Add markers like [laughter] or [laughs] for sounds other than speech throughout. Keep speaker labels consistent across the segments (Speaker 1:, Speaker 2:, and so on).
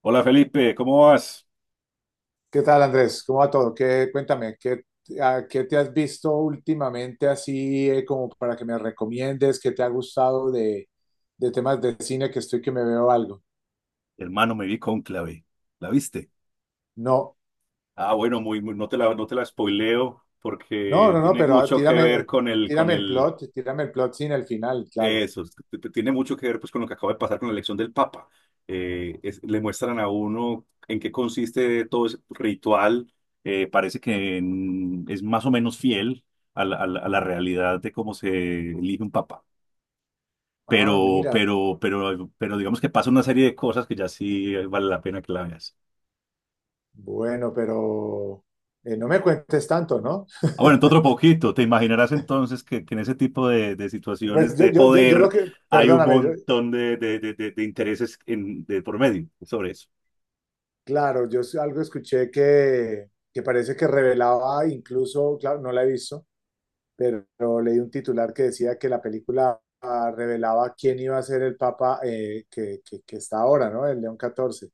Speaker 1: Hola Felipe, ¿cómo vas?
Speaker 2: ¿Qué tal, Andrés? ¿Cómo va todo? Cuéntame, ¿qué te has visto últimamente así como para que me recomiendes? ¿Qué te ha gustado de temas de cine que estoy que me veo algo?
Speaker 1: Hermano, me vi Cónclave. ¿La viste?
Speaker 2: No,
Speaker 1: Ah, bueno, no te la spoileo
Speaker 2: no,
Speaker 1: porque
Speaker 2: no, no,
Speaker 1: tiene
Speaker 2: pero
Speaker 1: mucho que ver con el, con el,
Speaker 2: tírame el plot sin el final, claro.
Speaker 1: eso. Tiene mucho que ver pues con lo que acaba de pasar con la elección del Papa. Le muestran a uno en qué consiste todo ese ritual. Parece que es más o menos fiel a la realidad de cómo se elige un Papa.
Speaker 2: Ah,
Speaker 1: Pero,
Speaker 2: mira,
Speaker 1: pero, pero, pero digamos que pasa una serie de cosas que ya sí vale la pena que la veas.
Speaker 2: bueno, pero no me cuentes tanto, ¿no?
Speaker 1: Ah, bueno, entonces otro poquito. Te imaginarás entonces que en ese tipo de situaciones
Speaker 2: Pues yo,
Speaker 1: de
Speaker 2: yo, yo, yo lo
Speaker 1: poder
Speaker 2: que,
Speaker 1: hay un
Speaker 2: perdóname,
Speaker 1: montón de intereses de por medio sobre eso.
Speaker 2: claro, yo algo escuché que, parece que revelaba incluso, claro, no la he visto, pero leí un titular que decía que la película revelaba quién iba a ser el papa que está ahora, ¿no? El León XIV.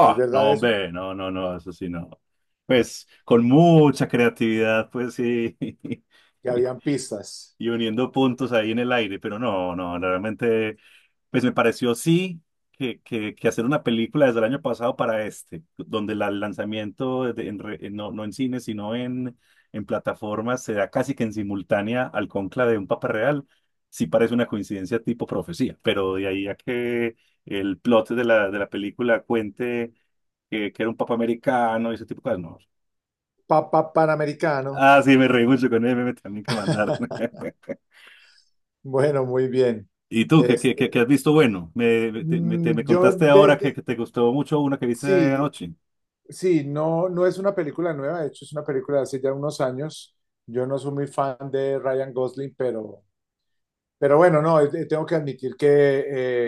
Speaker 2: ¿Es verdad
Speaker 1: no,
Speaker 2: eso?
Speaker 1: hombre, no, no, no, eso sí, no. Pues con mucha creatividad, pues sí.
Speaker 2: Ya habían pistas.
Speaker 1: [laughs] Y uniendo puntos ahí en el aire, pero no, no, realmente, pues me pareció sí que hacer una película desde el año pasado para este, donde el lanzamiento, no, no en cine, sino en plataformas, se da casi que en simultánea al conclave de un Papa Real. Sí parece una coincidencia tipo profecía, pero de ahí a que el plot de la película cuente que era un papa americano y ese tipo de cosas, no.
Speaker 2: Papa Panamericano.
Speaker 1: Ah, sí, me reí mucho con él, me también que mandaron.
Speaker 2: [laughs]
Speaker 1: [laughs]
Speaker 2: Bueno, muy bien.
Speaker 1: ¿Y tú qué, qué,
Speaker 2: Este,
Speaker 1: qué, qué has visto bueno? Me, me- te, me te-
Speaker 2: mm,
Speaker 1: me
Speaker 2: yo
Speaker 1: contaste
Speaker 2: de,
Speaker 1: ahora que,
Speaker 2: de-
Speaker 1: que te gustó mucho una que viste
Speaker 2: sí,
Speaker 1: anoche.
Speaker 2: sí, no, no es una película nueva, de hecho es una película de hace ya unos años. Yo no soy muy fan de Ryan Gosling, pero, bueno, no, tengo que admitir que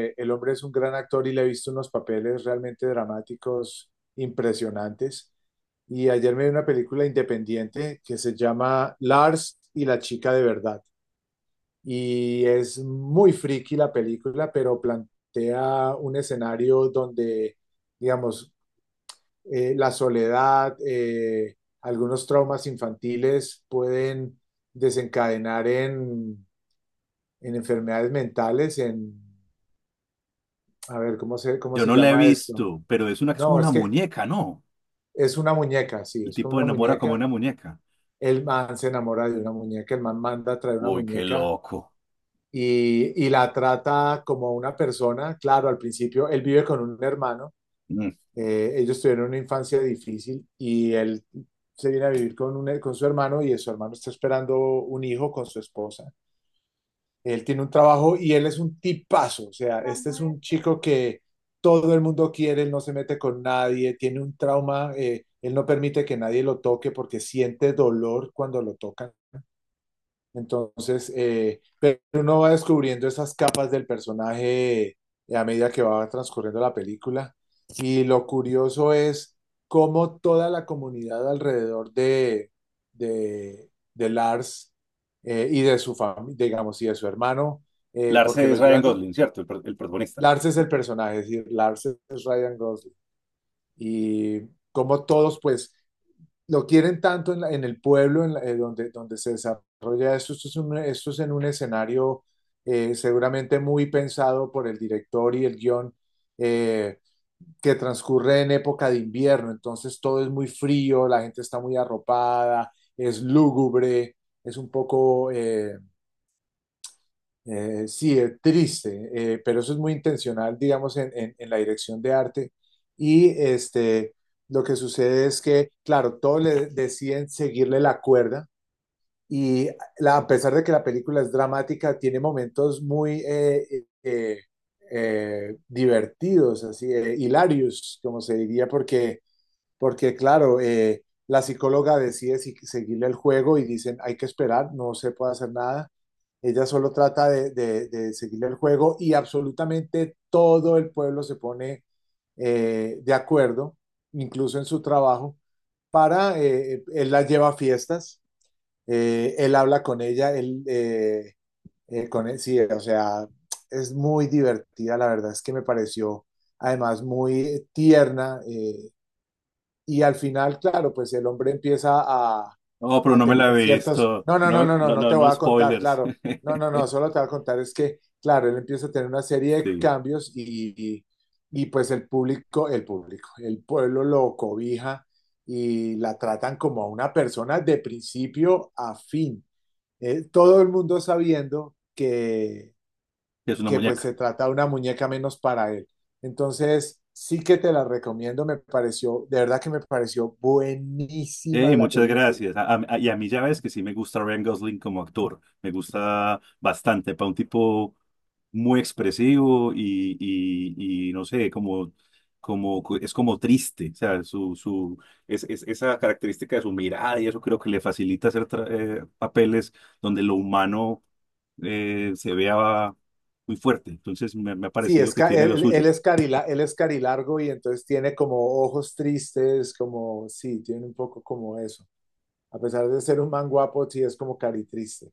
Speaker 2: el hombre es un gran actor y le he visto unos papeles realmente dramáticos, impresionantes. Y ayer me vi una película independiente que se llama Lars y la chica de verdad. Y es muy friki la película, pero plantea un escenario donde, digamos, la soledad, algunos traumas infantiles pueden desencadenar en enfermedades mentales. En A ver, ¿cómo se, cómo
Speaker 1: Yo
Speaker 2: se
Speaker 1: no la he
Speaker 2: llama esto?
Speaker 1: visto, pero es una que es como
Speaker 2: No, es
Speaker 1: una
Speaker 2: que
Speaker 1: muñeca, ¿no?
Speaker 2: es una muñeca, sí,
Speaker 1: El
Speaker 2: es con
Speaker 1: tipo
Speaker 2: una
Speaker 1: enamora como
Speaker 2: muñeca.
Speaker 1: una muñeca.
Speaker 2: El man se enamora de una muñeca, el man manda a traer una
Speaker 1: Uy, qué
Speaker 2: muñeca
Speaker 1: loco.
Speaker 2: y la trata como una persona. Claro, al principio él vive con un hermano,
Speaker 1: Mm.
Speaker 2: ellos tuvieron una infancia difícil y él se viene a vivir con su hermano y su hermano está esperando un hijo con su esposa. Él tiene un trabajo y él es un tipazo, o sea, este es un chico que todo el mundo quiere, él no se mete con nadie, tiene un trauma, él no permite que nadie lo toque porque siente dolor cuando lo tocan. Entonces, pero uno va descubriendo esas capas del personaje a medida que va transcurriendo la película. Y lo curioso es cómo toda la comunidad alrededor de Lars, y de su familia, digamos, y de su hermano,
Speaker 1: Lars
Speaker 2: porque lo
Speaker 1: es Ryan
Speaker 2: llevan.
Speaker 1: Gosling, ¿cierto? El protagonista.
Speaker 2: Lars es el personaje, es decir, Lars es Ryan Gosling. Y cómo todos, pues, lo quieren tanto en el pueblo donde se desarrolla esto. Esto es en un escenario seguramente muy pensado por el director y el guión, eh, que transcurre en época de invierno. Entonces todo es muy frío, la gente está muy arropada, es lúgubre, es un poco sí, es triste, pero eso es muy intencional, digamos, en, en la dirección de arte. Y lo que sucede es que, claro, todos le deciden seguirle la cuerda. y a pesar de que la película es dramática, tiene momentos muy divertidos, así, hilarios, como se diría, porque claro, la psicóloga decide si seguirle el juego y dicen, hay que esperar, no se puede hacer nada. Ella solo trata de seguirle el juego y absolutamente todo el pueblo se pone de acuerdo, incluso en su trabajo, para, él la lleva a fiestas, él habla con ella, con él, sí, o sea, es muy divertida, la verdad es que me pareció además muy tierna, y al final, claro, pues el hombre empieza a,
Speaker 1: Oh, pero
Speaker 2: a
Speaker 1: no me la
Speaker 2: tener
Speaker 1: he
Speaker 2: ciertos,
Speaker 1: visto.
Speaker 2: no, no, no,
Speaker 1: No,
Speaker 2: no, no,
Speaker 1: no,
Speaker 2: no
Speaker 1: no,
Speaker 2: te
Speaker 1: no
Speaker 2: voy a contar,
Speaker 1: spoilers.
Speaker 2: claro, no, no, no,
Speaker 1: [laughs]
Speaker 2: solo te voy a contar es que, claro, él empieza a tener una serie de
Speaker 1: Sí,
Speaker 2: cambios y, pues el público, el pueblo lo cobija y la tratan como a una persona de principio a fin. Todo el mundo sabiendo que
Speaker 1: es una
Speaker 2: que pues
Speaker 1: muñeca.
Speaker 2: se trata de una muñeca menos para él. Entonces, sí que te la recomiendo, me pareció, de verdad que me pareció
Speaker 1: Hey,
Speaker 2: buenísima la
Speaker 1: muchas
Speaker 2: película.
Speaker 1: gracias. Y a mí ya ves que sí me gusta Ryan Gosling como actor. Me gusta bastante. Para un tipo muy expresivo y no sé, como, es como triste. O sea, su, esa característica de su mirada y eso creo que le facilita hacer papeles donde lo humano se vea muy fuerte. Entonces me ha
Speaker 2: Sí,
Speaker 1: parecido
Speaker 2: es,
Speaker 1: que
Speaker 2: ca-
Speaker 1: tiene lo
Speaker 2: él
Speaker 1: suyo.
Speaker 2: es carila, él es carilargo y entonces tiene como ojos tristes, como, sí, tiene un poco como eso. A pesar de ser un man guapo, sí es como caritriste.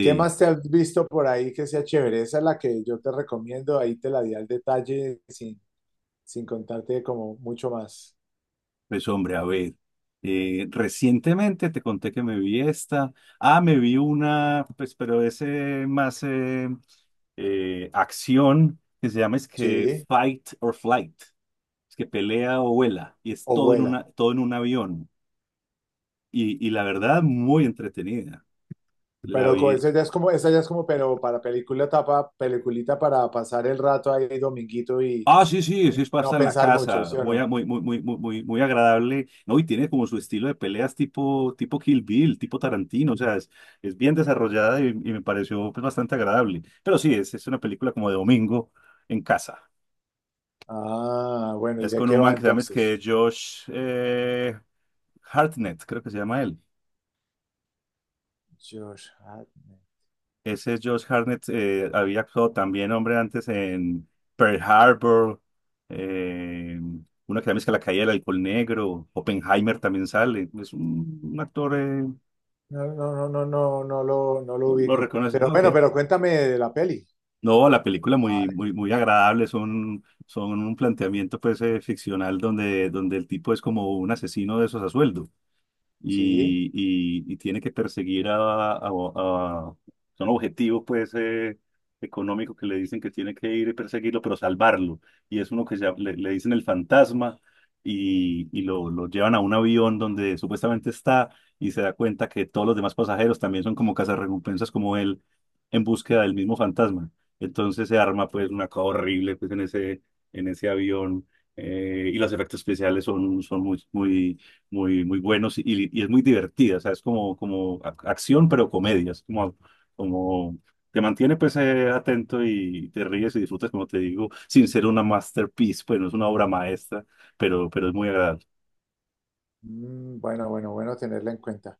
Speaker 2: ¿Qué más te has visto por ahí que sea chévere? Esa es la que yo te recomiendo, ahí te la di al detalle sin contarte como mucho más.
Speaker 1: Pues hombre, a ver, recientemente te conté que me vi esta. Ah, me vi una, pues, pero ese más acción que se llama es que
Speaker 2: Sí,
Speaker 1: Fight or Flight, es que pelea o vuela, y es
Speaker 2: o
Speaker 1: todo
Speaker 2: vuela.
Speaker 1: todo en un avión. Y la verdad, muy entretenida. La
Speaker 2: Pero
Speaker 1: vi.
Speaker 2: esa ya es como, pero para película tapa, peliculita para pasar el rato ahí dominguito
Speaker 1: Ah, sí, sí,
Speaker 2: y
Speaker 1: sí, es
Speaker 2: no
Speaker 1: pasta en la
Speaker 2: pensar mucho, ¿sí
Speaker 1: casa,
Speaker 2: o
Speaker 1: muy,
Speaker 2: no?
Speaker 1: muy, muy, muy, muy, muy muy agradable, ¿no? Y tiene como su estilo de peleas tipo Kill Bill, tipo Tarantino, o sea, es bien desarrollada y me pareció pues bastante agradable. Pero sí, es una película como de domingo en casa.
Speaker 2: Ah, bueno, ¿y
Speaker 1: Es
Speaker 2: de
Speaker 1: con
Speaker 2: qué
Speaker 1: un
Speaker 2: va
Speaker 1: man que se llama es
Speaker 2: entonces?
Speaker 1: que Josh Hartnett, creo que se llama él.
Speaker 2: Josh Hartnett.
Speaker 1: Ese Josh Hartnett había actuado también, hombre, antes en Pearl Harbor, eh, una que también es que La Caída del Alcohol Negro. Oppenheimer también sale. Es un actor,
Speaker 2: No, no, no, no, no, no lo
Speaker 1: lo
Speaker 2: ubico.
Speaker 1: reconoce.
Speaker 2: Pero
Speaker 1: Ah, ok.
Speaker 2: bueno, pero cuéntame de la peli.
Speaker 1: No, la película
Speaker 2: Ah,
Speaker 1: muy, muy, muy agradable, son un planteamiento pues ficcional donde, el tipo es como un asesino de esos a sueldo.
Speaker 2: sí.
Speaker 1: y, y tiene que perseguir a son objetivos pues económicos que le dicen que tiene que ir y perseguirlo, pero salvarlo. Y es uno que le dicen el fantasma, y lo llevan a un avión donde supuestamente está y se da cuenta que todos los demás pasajeros también son como cazarrecompensas como él en búsqueda del mismo fantasma. Entonces se arma pues una cosa horrible pues en ese avión. Y los efectos especiales son muy, muy muy, muy buenos y es muy divertida. O sea, es como, acción, pero comedia. Es como, como te mantiene pues atento y te ríes y disfrutas, como te digo, sin ser una masterpiece, pues no es una obra maestra, pero es muy agradable.
Speaker 2: Bueno, bueno, bueno tenerla en cuenta.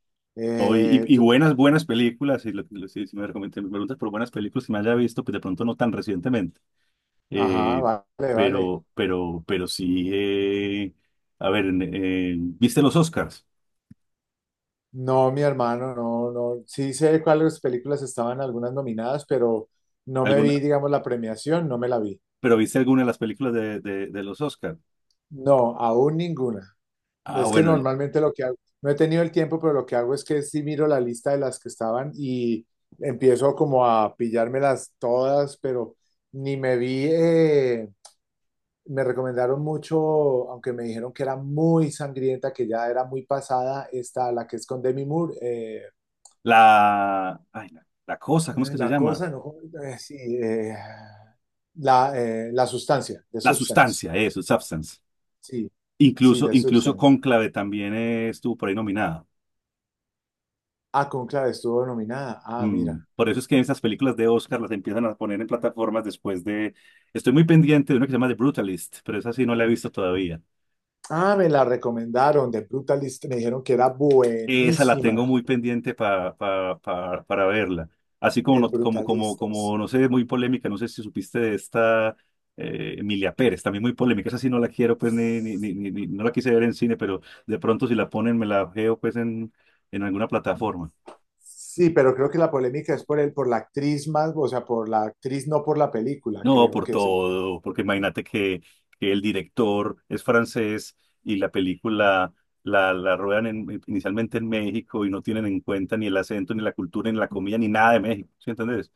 Speaker 1: Hoy,
Speaker 2: Eh,
Speaker 1: y
Speaker 2: tú-
Speaker 1: buenas, buenas películas, y si me recomiendas, me preguntas por buenas películas que me haya visto, pues de pronto no tan recientemente,
Speaker 2: ajá,
Speaker 1: eh,
Speaker 2: vale, vale.
Speaker 1: pero sí, a ver, ¿viste los Oscars?
Speaker 2: No, mi hermano, no, no. Sí sé cuáles películas estaban algunas nominadas, pero no me
Speaker 1: ¿Alguna,
Speaker 2: vi, digamos, la premiación, no me la vi.
Speaker 1: pero viste alguna de las películas de los Oscars?
Speaker 2: No, aún ninguna.
Speaker 1: Ah,
Speaker 2: Es que
Speaker 1: bueno,
Speaker 2: normalmente lo que hago, no he tenido el tiempo, pero lo que hago es que sí miro la lista de las que estaban y empiezo como a pillármelas todas, pero ni me vi, me recomendaron mucho, aunque me dijeron que era muy sangrienta, que ya era muy pasada, esta, la que es con Demi Moore.
Speaker 1: la, ay, la cosa, ¿cómo es que se
Speaker 2: La
Speaker 1: llama?
Speaker 2: cosa, no, sí, la sustancia, The
Speaker 1: La
Speaker 2: Substance.
Speaker 1: sustancia, eso, substance.
Speaker 2: Sí, sí,
Speaker 1: Incluso,
Speaker 2: The
Speaker 1: incluso
Speaker 2: Substance.
Speaker 1: Cónclave también estuvo por ahí nominada.
Speaker 2: Ah, Conclave estuvo nominada. Ah,
Speaker 1: Mm,
Speaker 2: mira.
Speaker 1: Por eso es que esas películas de Oscar las empiezan a poner en plataformas después de... Estoy muy pendiente de una que se llama The Brutalist, pero esa sí no la he visto todavía.
Speaker 2: Ah, me la recomendaron de Brutalista. Me dijeron que era
Speaker 1: Esa la
Speaker 2: buenísima
Speaker 1: tengo muy pendiente para verla. Así como
Speaker 2: el
Speaker 1: no, como, como,
Speaker 2: Brutalista.
Speaker 1: como, no
Speaker 2: Sí.
Speaker 1: sé, muy polémica, no sé si supiste de esta, Emilia Pérez, también muy polémica. Esa sí no la quiero, pues, no la quise ver en cine, pero de pronto si la ponen me la veo, pues, en alguna plataforma.
Speaker 2: Sí, pero creo que la polémica es por él, por la actriz más, o sea, por la actriz, no por la película,
Speaker 1: No,
Speaker 2: creo
Speaker 1: por
Speaker 2: que es el.
Speaker 1: todo, porque imagínate que el director es francés y la película la ruedan inicialmente en México y no tienen en cuenta ni el acento, ni la cultura, ni la comida, ni nada de México, ¿sí entendés?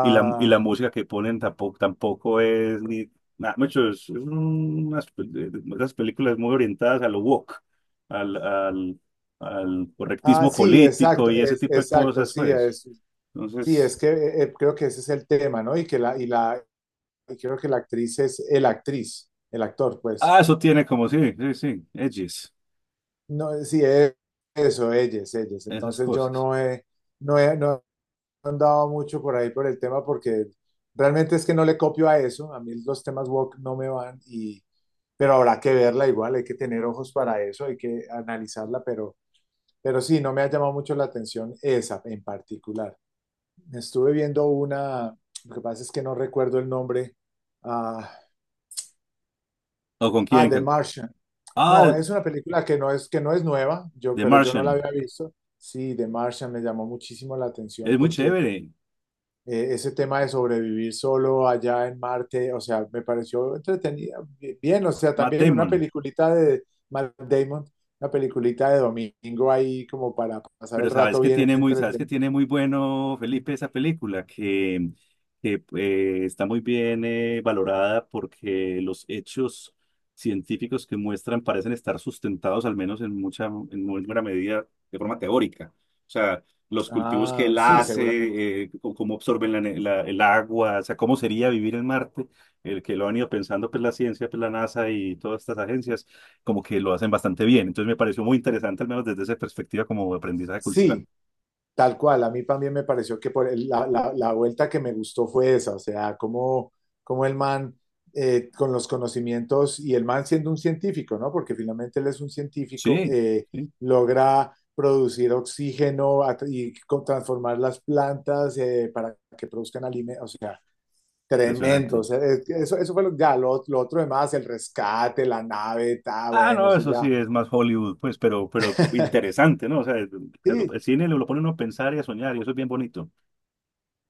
Speaker 1: Y la, y la música que ponen tampoco es ni nada, mucho, es unas, unas películas muy orientadas a lo woke, al, al, al
Speaker 2: ah,
Speaker 1: correctismo
Speaker 2: sí,
Speaker 1: político
Speaker 2: exacto,
Speaker 1: y ese tipo de
Speaker 2: exacto,
Speaker 1: cosas,
Speaker 2: sí,
Speaker 1: pues.
Speaker 2: es sí,
Speaker 1: Entonces,
Speaker 2: es que creo que ese es el tema, ¿no? Y creo que la actriz es el actriz, el actor, pues.
Speaker 1: ah, eso tiene como, sí, sí, sí, edges,
Speaker 2: No, sí, es eso, ellas, ellos.
Speaker 1: esas
Speaker 2: Entonces yo
Speaker 1: cosas.
Speaker 2: no he andado mucho por ahí por el tema porque realmente es que no le copio a eso. A mí los temas woke no me van pero habrá que verla igual, hay que tener ojos para eso, hay que analizarla, pero, sí, no me ha llamado mucho la atención esa en particular. Estuve viendo una, lo que pasa es que no recuerdo el nombre. Ah,
Speaker 1: ¿O con
Speaker 2: ah,
Speaker 1: quién?
Speaker 2: The Martian. No,
Speaker 1: Ah,
Speaker 2: es una película que no es nueva,
Speaker 1: The
Speaker 2: pero yo no la
Speaker 1: Martian,
Speaker 2: había visto. Sí, The Martian me llamó muchísimo la atención
Speaker 1: es muy
Speaker 2: porque
Speaker 1: chévere,
Speaker 2: ese tema de sobrevivir solo allá en Marte, o sea, me pareció entretenida, bien, o sea,
Speaker 1: Matt
Speaker 2: también una
Speaker 1: Damon.
Speaker 2: peliculita de Matt Damon, una peliculita de domingo ahí como para pasar el
Speaker 1: Pero sabes
Speaker 2: rato
Speaker 1: que
Speaker 2: bien
Speaker 1: tiene muy, sabes que
Speaker 2: entretenido.
Speaker 1: tiene muy bueno, Felipe, esa película, que está muy bien valorada porque los hechos científicos que muestran parecen estar sustentados, al menos en muy buena medida, de forma teórica. O sea, los cultivos que
Speaker 2: Ah,
Speaker 1: él
Speaker 2: sí, seguramente.
Speaker 1: hace, o cómo absorben el agua, o sea, cómo sería vivir en Marte, el que lo han ido pensando, pues la ciencia, pues la NASA y todas estas agencias como que lo hacen bastante bien. Entonces me pareció muy interesante, al menos desde esa perspectiva como aprendizaje cultural.
Speaker 2: Sí, tal cual, a mí también me pareció que por la vuelta que me gustó fue esa, o sea, como el man con los conocimientos y el man siendo un científico, ¿no? Porque finalmente él es un científico,
Speaker 1: Sí, sí,
Speaker 2: logra producir oxígeno y transformar las plantas para que produzcan alimentos, o sea, tremendo, o
Speaker 1: impresionante.
Speaker 2: sea, eso fue lo, ya, lo otro demás, el rescate, la nave, ta,
Speaker 1: Ah,
Speaker 2: bueno,
Speaker 1: no,
Speaker 2: eso
Speaker 1: eso
Speaker 2: ya.
Speaker 1: sí es más Hollywood, pues, pero
Speaker 2: [laughs]
Speaker 1: interesante, ¿no? O sea, claro,
Speaker 2: Sí,
Speaker 1: el cine lo pone uno a pensar y a soñar y eso es bien bonito.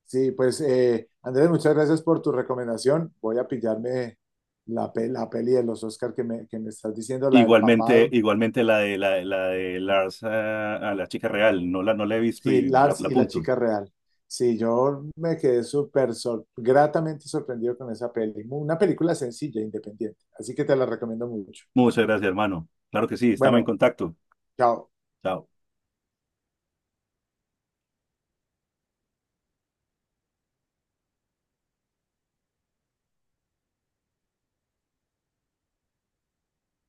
Speaker 2: sí, pues Andrés, muchas gracias por tu recomendación. Voy a pillarme la peli de los Oscar que me, estás diciendo, la del
Speaker 1: Igualmente,
Speaker 2: papado.
Speaker 1: igualmente la de Lars, ah, a la chica real, no la he visto
Speaker 2: Sí,
Speaker 1: y la,
Speaker 2: Lars
Speaker 1: la
Speaker 2: y la
Speaker 1: apunto.
Speaker 2: chica real. Sí, yo me quedé súper gratamente sorprendido con esa peli. Una película sencilla, independiente. Así que te la recomiendo mucho.
Speaker 1: Muchas gracias, hermano. Claro que sí, estamos en
Speaker 2: Bueno,
Speaker 1: contacto.
Speaker 2: chao.
Speaker 1: Chao.